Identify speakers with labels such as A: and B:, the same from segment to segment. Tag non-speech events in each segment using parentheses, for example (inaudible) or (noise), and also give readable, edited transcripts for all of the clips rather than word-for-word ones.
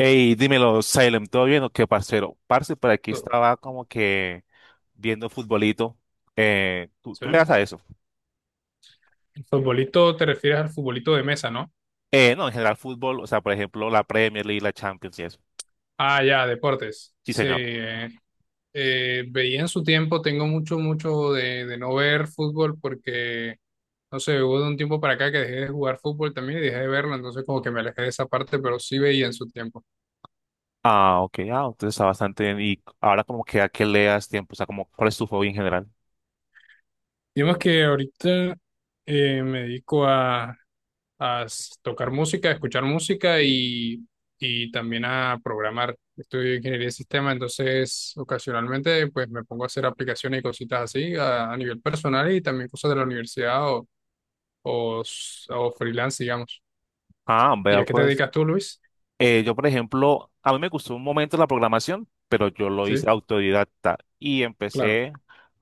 A: Hey, dímelo, Salem, ¿todo bien o qué, parcero? Parce, por aquí
B: Sí.
A: estaba como que viendo futbolito. ¿Tú le das a eso?
B: El futbolito, te refieres al futbolito de mesa, ¿no?
A: No, en general fútbol, o sea, por ejemplo, la Premier League, la Champions y eso.
B: Ah, ya, deportes.
A: Sí,
B: Sí.
A: señor.
B: Veía en su tiempo, tengo mucho, mucho de no ver fútbol porque, no sé, hubo de un tiempo para acá que dejé de jugar fútbol también y dejé de verlo, entonces como que me alejé de esa parte, pero sí veía en su tiempo.
A: Ah, ok, ah, entonces está bastante bien. Y ahora como que a qué le das tiempo, o sea, como, ¿cuál es tu hobby en general?
B: Digamos que ahorita me dedico a tocar música, a escuchar música y también a programar. Estudio ingeniería de sistemas, entonces ocasionalmente pues me pongo a hacer aplicaciones y cositas así a nivel personal y también cosas de la universidad o freelance, digamos.
A: Ah,
B: ¿Y
A: vea
B: a qué te
A: pues.
B: dedicas tú, Luis?
A: Yo, por ejemplo, a mí me gustó un momento la programación, pero yo lo hice
B: Sí,
A: autodidacta y
B: claro,
A: empecé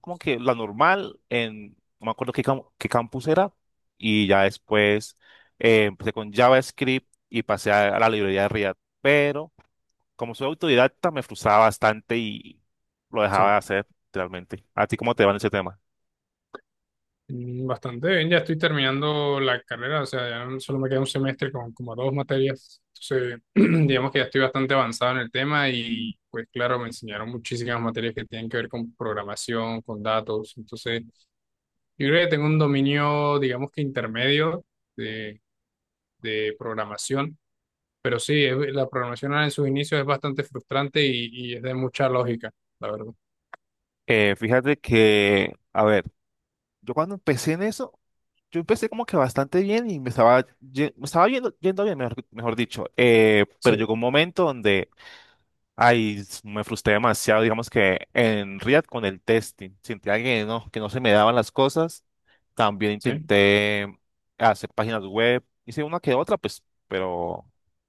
A: como que la normal en, no me acuerdo qué, qué campus era, y ya después empecé con JavaScript y pasé a la librería de React, pero como soy autodidacta me frustraba bastante y lo dejaba
B: sí.
A: de hacer realmente. ¿A ti cómo te va en ese tema?
B: Mm, bastante bien, ya estoy terminando la carrera, o sea, solo me queda un semestre con como dos materias. Entonces, (clears throat) digamos que ya estoy bastante avanzado en el tema y pues claro, me enseñaron muchísimas materias que tienen que ver con programación, con datos. Entonces, yo creo que tengo un dominio, digamos que intermedio de, de programación, pero sí, la programación en sus inicios es bastante frustrante y es de mucha lógica, la verdad.
A: Fíjate que, a ver, yo cuando empecé en eso yo empecé como que bastante bien y me estaba, me estaba yendo bien, mejor, mejor dicho. Pero
B: Sí,
A: llegó un momento donde, ay, me frustré demasiado, digamos que en React con el testing. Sentía que no se me daban las cosas. También
B: sí,
A: intenté hacer páginas web. Hice una que otra, pues, pero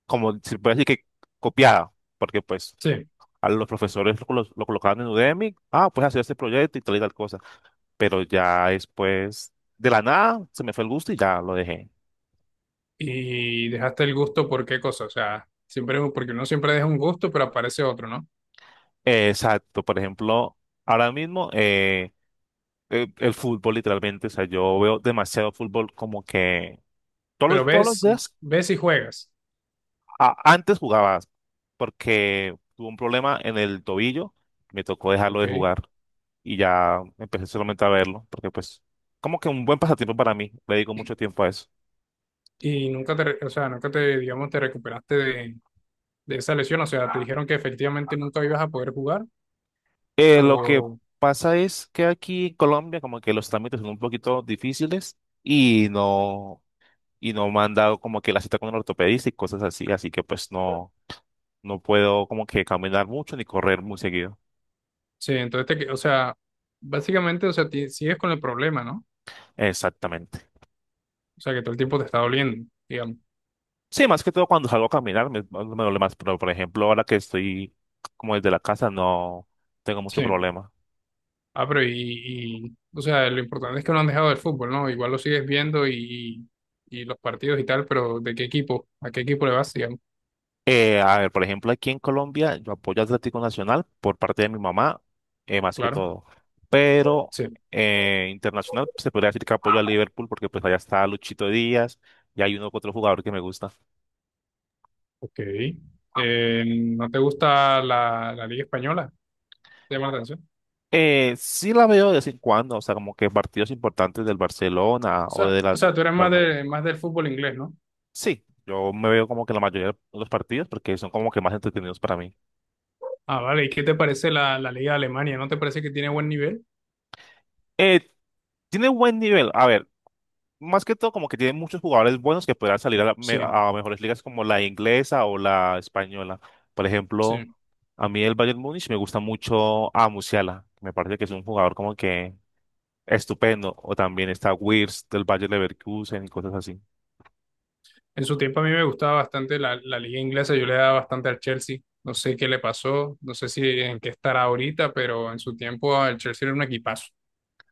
A: como se puede decir que copiada, porque pues
B: sí.
A: a los profesores lo, lo colocaban en Udemy. Ah, pues hacer este proyecto y tal cosa, pero ya después de la nada se me fue el gusto y ya lo dejé.
B: Y dejaste el gusto por qué cosa, o sea, siempre porque uno siempre deja un gusto, pero aparece otro, ¿no?
A: Exacto, por ejemplo, ahora mismo el fútbol literalmente, o sea, yo veo demasiado fútbol como que
B: Pero
A: todos los
B: ves,
A: días,
B: ves y juegas,
A: antes jugabas porque tuve un problema en el tobillo, me tocó dejarlo
B: ¿ok?
A: de jugar y ya empecé solamente a verlo porque pues como que un buen pasatiempo para mí, le dedico mucho tiempo a eso.
B: Y nunca te, re- o sea, nunca te, digamos, te recuperaste de esa lesión, o sea, te dijeron que efectivamente nunca ibas a poder jugar,
A: Lo que
B: o,
A: pasa es que aquí en Colombia como que los trámites son un poquito difíciles y no me han dado como que la cita con el ortopedista y cosas así, así que pues no, no puedo como que caminar mucho ni correr muy seguido.
B: sí, entonces, o sea, básicamente, o sea, sigues con el problema, ¿no?
A: Exactamente.
B: O sea, que todo el tiempo te está doliendo, digamos,
A: Sí, más que todo cuando salgo a caminar me, me duele más, pero por ejemplo ahora que estoy como desde la casa no tengo mucho
B: sí.
A: problema.
B: Ah, pero, o sea, lo importante es que no han dejado el fútbol, ¿no? Igual lo sigues viendo y los partidos y tal, pero ¿de qué equipo? ¿A qué equipo le vas, digamos?
A: A ver, por ejemplo, aquí en Colombia yo apoyo a Atlético Nacional por parte de mi mamá, más que
B: Claro.
A: todo. Pero
B: Sí.
A: internacional pues, se podría decir que apoyo a Liverpool porque pues allá está Luchito Díaz y hay uno que otro jugador que me gusta.
B: Ok. ¿No te gusta la Liga Española? ¿Te llama la atención?
A: Sí la veo de vez en cuando, o sea, como que partidos importantes del Barcelona
B: O
A: o
B: sea,
A: de
B: o
A: la
B: sea, tú eres
A: Real
B: más
A: Madrid.
B: de, más del fútbol inglés, ¿no?
A: Sí, yo me veo como que la mayoría de los partidos porque son como que más entretenidos para mí.
B: Ah, vale. ¿Y qué te parece la Liga de Alemania? ¿No te parece que tiene buen nivel?
A: Eh, Tiene buen nivel. A ver, más que todo como que tiene muchos jugadores buenos que podrán salir a,
B: Sí,
A: a mejores ligas como la inglesa o la española. Por
B: sí.
A: ejemplo, a mí el Bayern Múnich me gusta mucho a Musiala. Me parece que es un jugador como que estupendo. O también está Wirtz del Bayern Leverkusen y cosas así.
B: En su tiempo a mí me gustaba bastante la liga inglesa, yo le daba bastante al Chelsea. No sé qué le pasó, no sé si en qué estará ahorita, pero en su tiempo el Chelsea era un equipazo.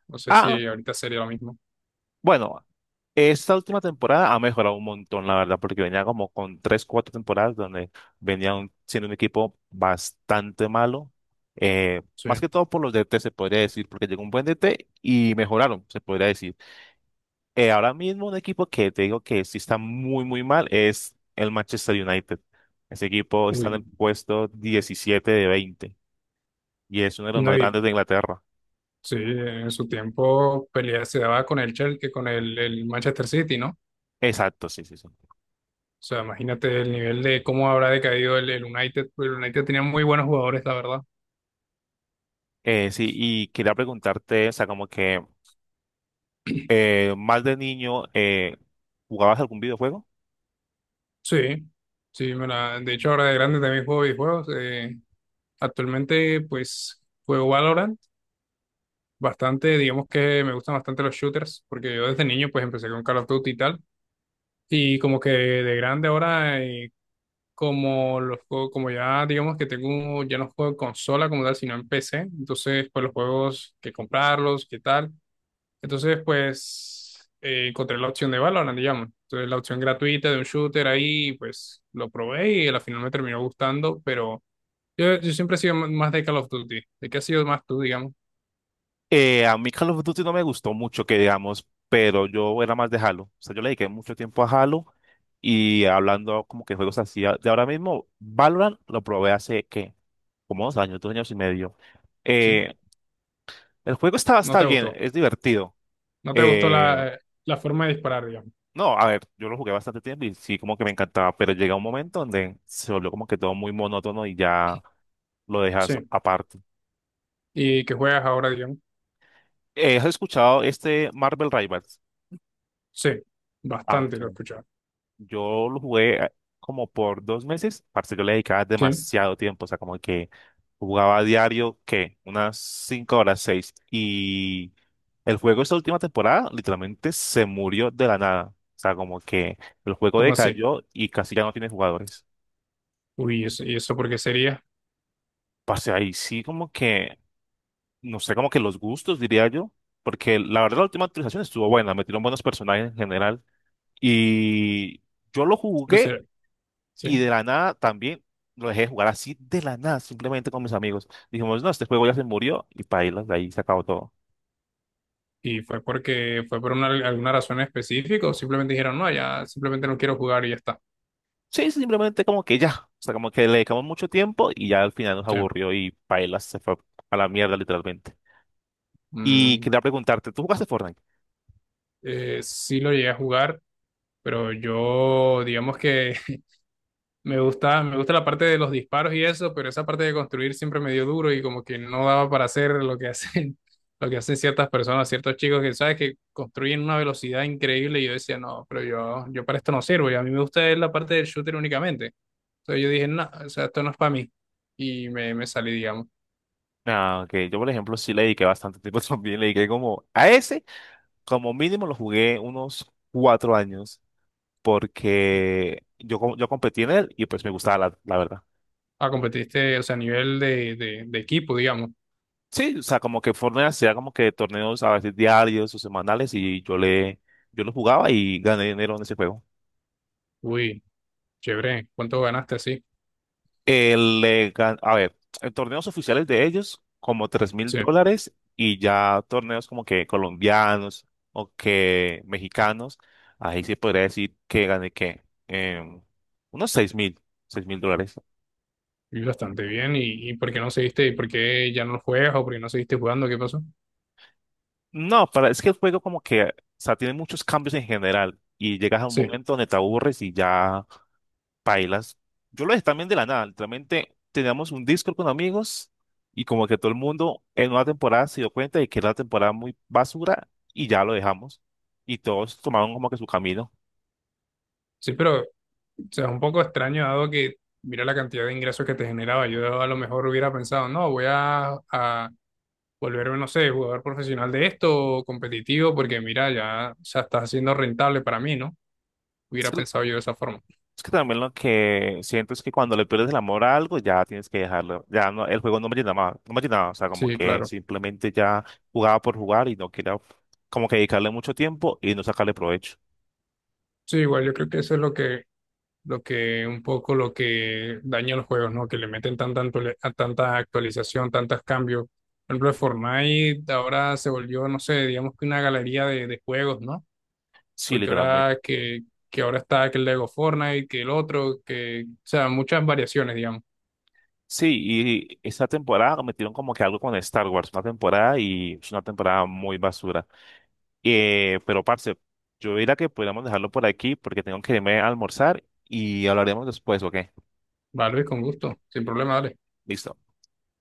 B: No sé
A: Ah,
B: si ahorita sería lo mismo.
A: bueno, esta última temporada ha mejorado un montón, la verdad, porque venía como con tres, cuatro temporadas donde venía siendo un equipo bastante malo. Más
B: Sí.
A: que todo por los DT, se podría decir, porque llegó un buen DT y mejoraron, se podría decir. Ahora mismo un equipo que te digo que sí está muy, muy mal es el Manchester United. Ese equipo está en el
B: Uy.
A: puesto 17 de 20 y es uno de los
B: No,
A: más
B: y,
A: grandes de Inglaterra.
B: sí, en su tiempo pelea se daba con el Chelsea, con el Manchester City, ¿no? O
A: Exacto, sí, sí, sí.
B: sea, imagínate el nivel de cómo habrá decaído el United. Pues el United tenía muy buenos jugadores, la verdad.
A: Sí, y quería preguntarte, o sea, como que... más de niño, ¿jugabas algún videojuego?
B: Sí, sí, de hecho ahora de grande también juego videojuegos. Actualmente pues juego Valorant bastante, digamos que me gustan bastante los shooters, porque yo desde niño pues empecé con Call of Duty y tal, y como que de grande ahora, como ya digamos que tengo, ya no juego en consola como tal, sino en PC, entonces pues los juegos que comprarlos, qué tal, entonces pues encontré la opción de Valorant, digamos, entonces la opción gratuita de un shooter ahí, pues lo probé y al final me terminó gustando, pero yo siempre he sido más de Call of Duty, ¿de qué has sido más tú, digamos?
A: A mí Call of Duty no me gustó mucho, que digamos, pero yo era más de Halo. O sea, yo le dediqué mucho tiempo a Halo y hablando como que juegos así de ahora mismo, Valorant lo probé hace, ¿qué? Como dos años y medio.
B: ¿Sí?
A: Eh, el juego está,
B: ¿No
A: está
B: te
A: bien,
B: gustó?
A: es divertido.
B: No te gustó
A: Eh,
B: la forma de disparar, digamos.
A: no, a ver, yo lo jugué bastante tiempo y sí, como que me encantaba, pero llega un momento donde se volvió como que todo muy monótono y ya lo
B: Sí.
A: dejas aparte.
B: Y que juegas ahora, digamos.
A: ¿Has escuchado este Marvel Rivals?
B: Sí.
A: Ah,
B: Bastante
A: ok,
B: lo he escuchado.
A: yo lo jugué como por dos meses. Parce, yo le dedicaba
B: Sí.
A: demasiado tiempo. O sea, como que jugaba a diario, ¿qué? Unas cinco horas, seis. Y el juego esta última temporada literalmente se murió de la nada. O sea, como que el juego
B: ¿Cómo así?
A: decayó y casi ya no tiene jugadores.
B: Uy, ¿y eso por qué sería?
A: Parce, ahí sí como que, no sé, como que los gustos, diría yo. Porque la verdad la última actualización estuvo buena. Metieron buenos personajes en general. Y yo lo
B: Pero
A: jugué
B: será-
A: y
B: sí.
A: de la nada también lo dejé de jugar así de la nada, simplemente con mis amigos. Dijimos, no, este juego ya se murió y paila, de ahí se acabó todo.
B: ¿Y fue por una, alguna razón específica o simplemente dijeron, no, ya simplemente no quiero jugar y ya está?
A: Sí, sí, simplemente como que ya, o sea, como que le dedicamos mucho tiempo y ya al final nos
B: Sí.
A: aburrió y paila se fue a la mierda literalmente. Y
B: Mm,
A: quería preguntarte, ¿tú jugaste Fortnite?
B: sí lo llegué a jugar, pero yo, digamos que me gusta, me gusta la parte de los disparos y eso, pero esa parte de construir siempre me dio duro y como que no daba para hacer lo que hacen, (laughs) lo que hacen ciertas personas, ciertos chicos que sabes que construyen una velocidad increíble y yo decía, no, pero yo para esto no sirvo y a mí me gusta es la parte del shooter únicamente. Entonces yo dije, no, o sea, esto no es para mí y me salí, digamos.
A: Ah, que yo, por ejemplo, sí le dediqué bastante tiempo (laughs) también. Le dediqué como a ese, como mínimo lo jugué unos 4 años, porque yo, yo competí en él y pues me gustaba, la la verdad.
B: Ah, competiste, o sea, a nivel de equipo, digamos.
A: Sí, o sea, como que Fortnite hacía como que torneos a veces diarios o semanales y yo le, yo lo jugaba y gané dinero en ese juego.
B: Uy, chévere, ¿cuánto ganaste así?
A: El, a ver, en torneos oficiales de ellos, como tres mil
B: Sí,
A: dólares y ya torneos como que colombianos o que mexicanos, ahí se podría decir que gané que em, unos 6000, $6000.
B: y bastante bien y ¿por qué no seguiste? ¿Y por qué ya no juegas o por qué no seguiste jugando? ¿Qué pasó?
A: No, para, es que el juego como que, o sea, tiene muchos cambios en general y llegas a un
B: Sí,
A: momento donde te aburres y ya pailas. Yo lo dejé también de la nada. Literalmente teníamos un Discord con amigos y como que todo el mundo en una temporada se dio cuenta de que era una temporada muy basura y ya lo dejamos. Y todos tomaron como que su camino.
B: sí, pero o sea, es un poco extraño dado que mira la cantidad de ingresos que te generaba. Yo a lo mejor hubiera pensado, no, voy a volverme, no sé, jugador profesional de esto, o competitivo, porque mira, ya, o sea, está siendo rentable para mí, ¿no?
A: Es
B: Hubiera
A: que,
B: pensado yo de esa forma.
A: es que también lo que siento es que cuando le pierdes el amor a algo ya tienes que dejarlo. Ya no, el juego no me llenaba, no me llenaba. O sea, como
B: Sí,
A: que
B: claro.
A: simplemente ya jugaba por jugar y no quería como que dedicarle mucho tiempo y no sacarle provecho.
B: Sí, igual yo creo que eso es lo que, un poco lo que daña los juegos, ¿no? Que le meten a tanta actualización, tantos cambios. Por ejemplo, Fortnite ahora se volvió, no sé, digamos que una galería de juegos, ¿no?
A: Sí,
B: Porque
A: literalmente.
B: ahora que ahora está que el Lego Fortnite, que el otro, que, o sea, muchas variaciones, digamos.
A: Sí, y esta temporada metieron como que algo con Star Wars, una temporada y es una temporada muy basura. Pero, parce, yo diría que podríamos dejarlo por aquí porque tengo que irme a almorzar y hablaremos después, ¿ok?
B: Vale, con gusto, sin problema, dale.
A: Listo.